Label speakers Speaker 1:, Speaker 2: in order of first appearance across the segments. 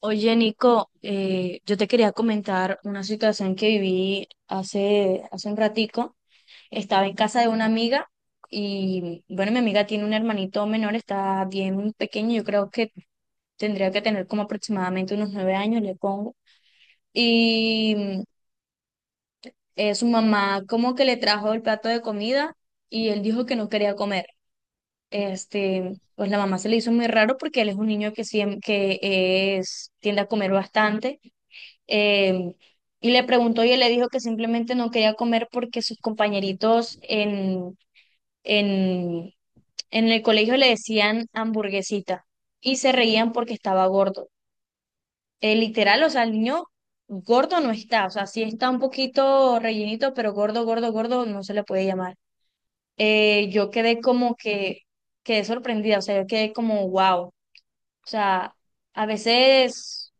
Speaker 1: Oye, Nico, yo te quería comentar una situación que viví hace un ratico. Estaba en casa de una amiga y, bueno, mi amiga tiene un hermanito menor, está bien pequeño, yo creo que tendría que tener como aproximadamente unos 9 años, le pongo. Y mm, Su mamá como que le trajo el plato de comida y él dijo que no quería comer. Este, pues la mamá se le hizo muy raro porque él es un niño que es, tiende a comer bastante. eh, y le preguntó y él le dijo que simplemente no quería comer porque sus compañeritos en, en el colegio le decían hamburguesita y se reían porque estaba gordo. Literal, o sea, el niño gordo no está, o sea, sí está un poquito rellenito, pero gordo, gordo, gordo no se le puede llamar. Yo quedé sorprendida, o sea, yo quedé como wow. O sea, a veces,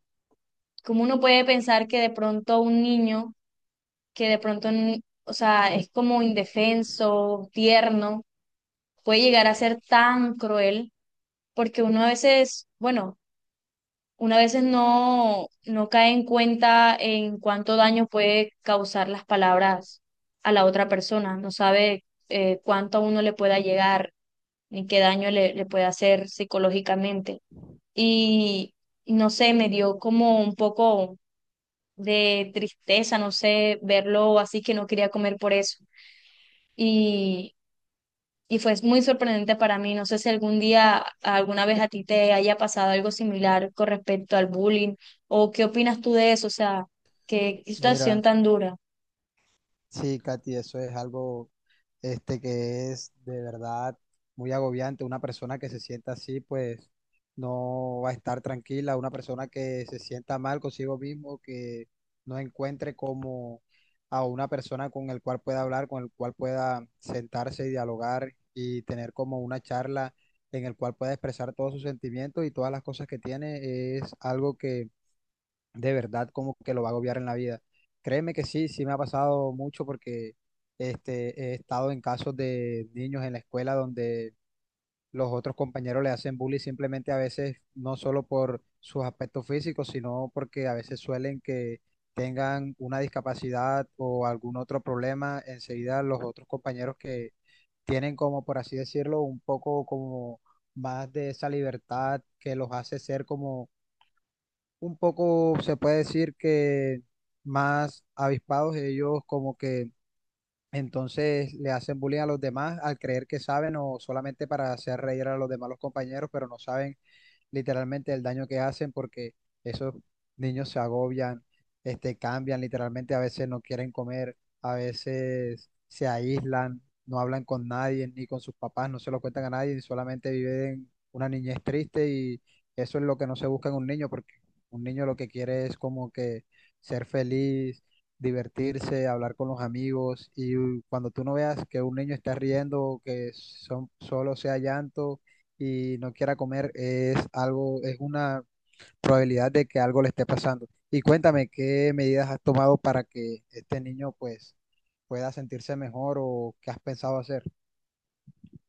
Speaker 1: como uno puede pensar que de pronto un niño que de o sea, es como indefenso, tierno, puede llegar a ser tan cruel, porque uno a veces, bueno, uno a veces no cae en cuenta en cuánto daño puede causar las palabras a la otra persona, no sabe cuánto a uno le pueda llegar, ni qué daño le puede hacer psicológicamente. Y y no sé, me dio como un poco de tristeza, no sé, verlo así que no quería comer por eso. y, y fue muy sorprendente para mí. No sé si algún día, alguna vez a ti te haya pasado algo similar con respecto al bullying o qué opinas tú de eso, o sea, qué situación
Speaker 2: Mira,
Speaker 1: tan dura.
Speaker 2: sí, Katy, eso es algo que es de verdad muy agobiante. Una persona que se sienta así, pues no va a estar tranquila. Una persona que se sienta mal consigo mismo, que no encuentre como a una persona con el cual pueda hablar, con el cual pueda sentarse y dialogar y tener como una charla en el cual pueda expresar todos sus sentimientos y todas las cosas que tiene, es algo que de verdad como que lo va a agobiar en la vida. Créeme que sí me ha pasado mucho porque he estado en casos de niños en la escuela donde los otros compañeros le hacen bullying simplemente a veces no solo por sus aspectos físicos, sino porque a veces suelen que tengan una discapacidad o algún otro problema, enseguida los otros compañeros que tienen como, por así decirlo, un poco como más de esa libertad que los hace ser como un poco, se puede decir que más avispados ellos como que entonces le hacen bullying a los demás al creer que saben o solamente para hacer reír a los demás los compañeros, pero no saben literalmente el daño que hacen porque esos niños se agobian, cambian, literalmente a veces no quieren comer, a veces se aíslan, no hablan con nadie, ni con sus papás, no se lo cuentan a nadie, solamente viven una niñez triste y eso es lo que no se busca en un niño porque un niño lo que quiere es como que ser feliz divertirse, hablar con los amigos y cuando tú no veas que un niño está riendo, que son, solo sea llanto, y no quiera comer, es algo, es una probabilidad de que algo le esté pasando. Y cuéntame, ¿qué medidas has tomado para que este niño pues pueda sentirse mejor o qué has pensado hacer?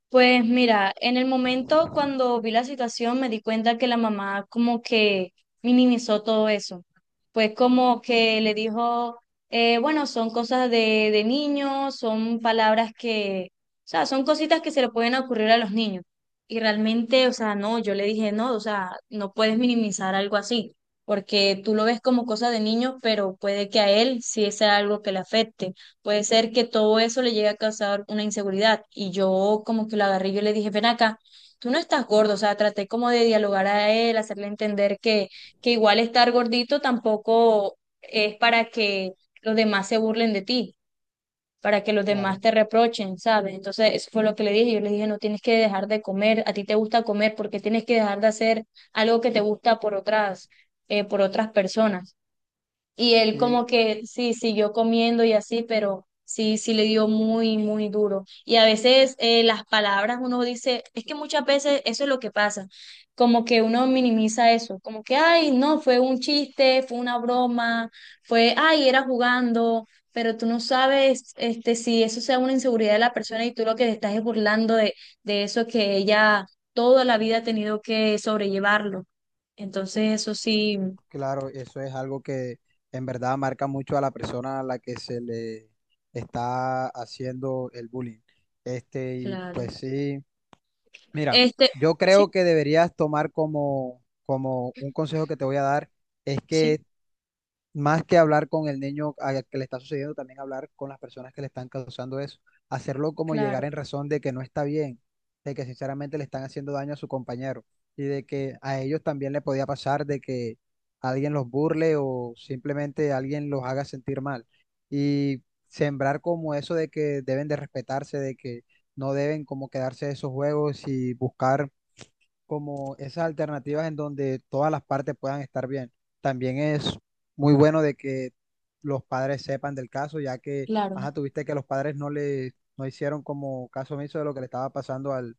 Speaker 1: Pues mira, en el momento cuando vi la situación me di cuenta que la mamá como que minimizó todo eso. Pues como que le dijo, bueno, son cosas de niños, son palabras que, o sea, son cositas que se le pueden ocurrir a los niños. Y realmente, o sea, no, yo le dije, no, o sea, no puedes minimizar algo así, porque tú lo ves como cosa de niños, pero puede que a él sí sea algo que le afecte. Puede ser que todo eso le llegue a causar una inseguridad. Y yo como que lo agarré, y yo le dije, ven acá, tú no estás gordo, o sea, traté como de dialogar a él, hacerle entender que igual estar gordito tampoco es para que los demás se burlen de ti, para que los demás
Speaker 2: Claro,
Speaker 1: te reprochen, ¿sabes? Entonces, eso fue lo que le dije. Yo le dije, no tienes que dejar de comer, a ti te gusta comer, porque tienes que dejar de hacer algo que te gusta por otras personas. Y él como
Speaker 2: sí,
Speaker 1: que sí, siguió comiendo y así, pero sí, sí le dio muy, muy duro. Y a veces las palabras uno dice, es que muchas veces eso es lo que pasa, como que uno minimiza eso, como que, ay, no, fue un chiste, fue una broma, fue, ay, era jugando, pero tú no sabes este, si eso sea una inseguridad de la persona y tú lo que te estás es burlando de eso que ella toda la vida ha tenido que sobrellevarlo. Entonces eso sí,
Speaker 2: claro, eso es algo que en verdad marca mucho a la persona a la que se le está haciendo el bullying. Y
Speaker 1: claro.
Speaker 2: pues sí, mira,
Speaker 1: Este,
Speaker 2: yo
Speaker 1: sí,
Speaker 2: creo que deberías tomar como un consejo que te voy a dar, es
Speaker 1: sí,
Speaker 2: que más que hablar con el niño al que le está sucediendo, también hablar con las personas que le están causando eso. Hacerlo como
Speaker 1: claro,
Speaker 2: llegar en razón de que no está bien, de que sinceramente le están haciendo daño a su compañero y de que a ellos también le podía pasar de que alguien los burle o simplemente alguien los haga sentir mal. Y sembrar como eso de que deben de respetarse, de que no deben como quedarse de esos juegos y buscar como esas alternativas en donde todas las partes puedan estar bien. También es muy bueno de que los padres sepan del caso, ya que,
Speaker 1: claro.
Speaker 2: ajá, tuviste que los padres no hicieron como caso omiso de lo que le estaba pasando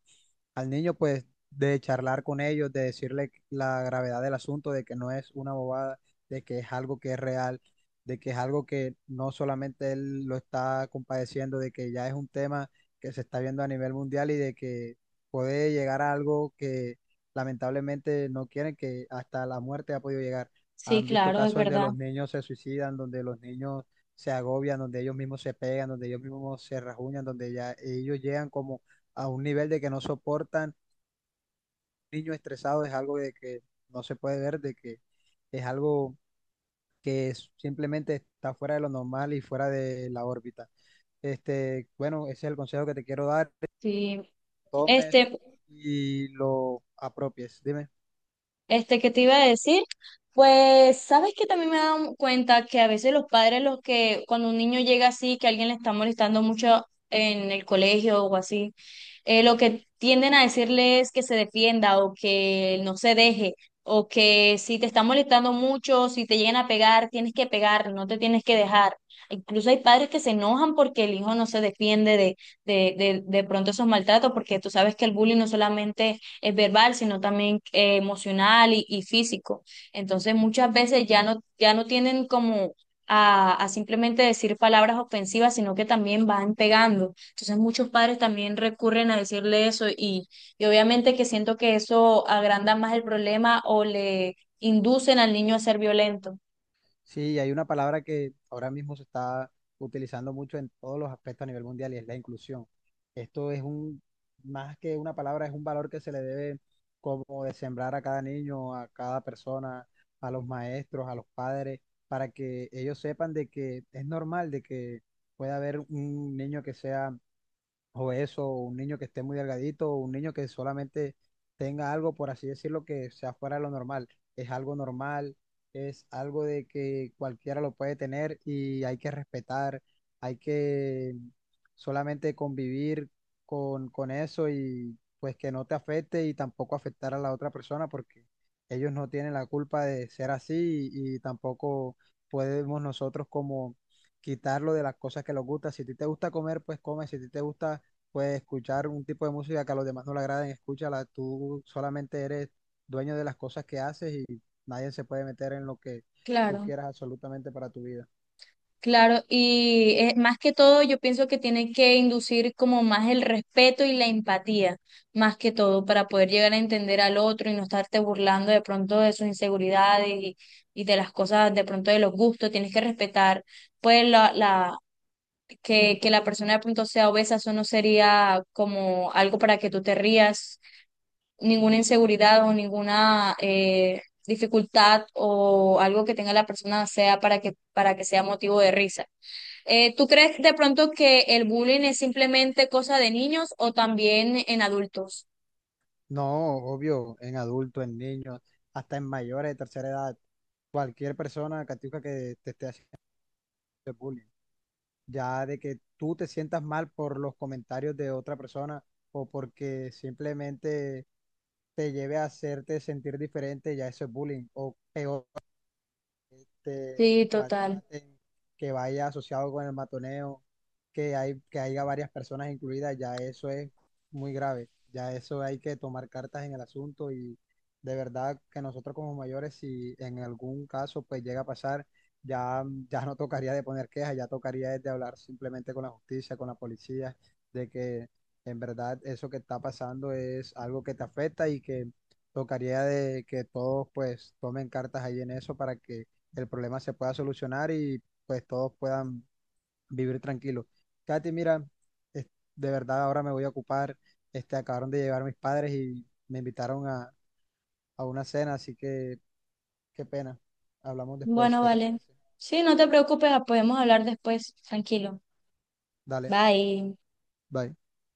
Speaker 2: al niño, pues, de charlar con ellos, de decirle la gravedad del asunto, de que no es una bobada, de que es algo que es real, de que es algo que no solamente él lo está compadeciendo, de que ya es un tema que se está viendo a nivel mundial y de que puede llegar a algo que lamentablemente no quieren, que hasta la muerte ha podido llegar.
Speaker 1: Sí,
Speaker 2: Han visto
Speaker 1: claro, es
Speaker 2: casos donde
Speaker 1: verdad.
Speaker 2: los niños se suicidan, donde los niños se agobian, donde ellos mismos se pegan, donde ellos mismos se rajuñan, donde ya ellos llegan como a un nivel de que no soportan. Niños estresados es algo de que no se puede ver, de que es algo simplemente está fuera de lo normal y fuera de la órbita. Bueno, ese es el consejo que te quiero dar, que
Speaker 1: Sí.
Speaker 2: tomes
Speaker 1: Este,
Speaker 2: y lo apropies. Dime.
Speaker 1: Este, ¿qué te iba a decir? Pues, ¿sabes que también me he dado cuenta que a veces los padres, los que cuando un niño llega así, que alguien le está molestando mucho en el colegio o así, lo que tienden a decirle es que se defienda o que no se deje, o que si te está molestando mucho, si te llegan a pegar, tienes que pegar, no te tienes que dejar. Incluso hay padres que se enojan porque el hijo no se defiende de pronto esos maltratos, porque tú sabes que el bullying no solamente es verbal, sino también emocional y físico. Entonces muchas veces ya ya no tienen como a simplemente decir palabras ofensivas, sino que también van pegando. Entonces muchos padres también recurren a decirle eso y obviamente que siento que eso agranda más el problema o le inducen al niño a ser violento.
Speaker 2: Sí, y hay una palabra que ahora mismo se está utilizando mucho en todos los aspectos a nivel mundial y es la inclusión. Esto es un, más que una palabra, es un valor que se le debe como de sembrar a cada niño, a cada persona, a los maestros, a los padres, para que ellos sepan de que es normal de que pueda haber un niño que sea o eso, un niño que esté muy delgadito, o un niño que solamente tenga algo, por así decirlo, que sea fuera de lo normal. Es algo normal, es algo de que cualquiera lo puede tener y hay que respetar, hay que solamente convivir con eso y pues que no te afecte y tampoco afectar a la otra persona porque ellos no tienen la culpa de ser así y tampoco podemos nosotros como quitarlo de las cosas que les gusta. Si a ti te gusta comer, pues come. Si a ti te gusta pues escuchar un tipo de música que a los demás no le agraden, escúchala, tú solamente eres dueño de las cosas que haces y nadie se puede meter en lo que tú
Speaker 1: Claro.
Speaker 2: quieras absolutamente para tu vida.
Speaker 1: Claro, y más que todo yo pienso que tiene que inducir como más el respeto y la empatía, más que todo, para poder llegar a entender al otro y no estarte burlando de pronto de sus inseguridades y de las cosas, de pronto de los gustos, tienes que respetar, pues que la persona de pronto sea obesa, eso no sería como algo para que tú te rías, ninguna inseguridad o ninguna dificultad o algo que tenga la persona sea para que sea motivo de risa. ¿Tú crees de pronto que el bullying es simplemente cosa de niños o también en adultos?
Speaker 2: No, obvio, en adultos, en niños, hasta en mayores de tercera edad, cualquier persona, Catiuca, que te esté haciendo bullying, ya de que tú te sientas mal por los comentarios de otra persona o porque simplemente te lleve a hacerte sentir diferente, ya eso es bullying, o peor te
Speaker 1: Sí, total.
Speaker 2: maltraten, que vaya asociado con el matoneo, que haya varias personas incluidas, ya eso es muy grave. Ya eso hay que tomar cartas en el asunto y de verdad que nosotros como mayores, si en algún caso pues llega a pasar, ya, ya no tocaría de poner quejas, ya tocaría es de hablar simplemente con la justicia, con la policía, de que en verdad eso que está pasando es algo que te afecta y que tocaría de que todos pues tomen cartas ahí en eso para que el problema se pueda solucionar y pues todos puedan vivir tranquilos. Katy, mira, es- de verdad ahora me voy a ocupar, acabaron de llegar mis padres y me invitaron a una cena, así que qué pena. Hablamos después,
Speaker 1: Bueno,
Speaker 2: ¿qué te
Speaker 1: vale.
Speaker 2: parece?
Speaker 1: Sí, no te preocupes, podemos hablar después, tranquilo.
Speaker 2: Dale,
Speaker 1: Bye.
Speaker 2: bye.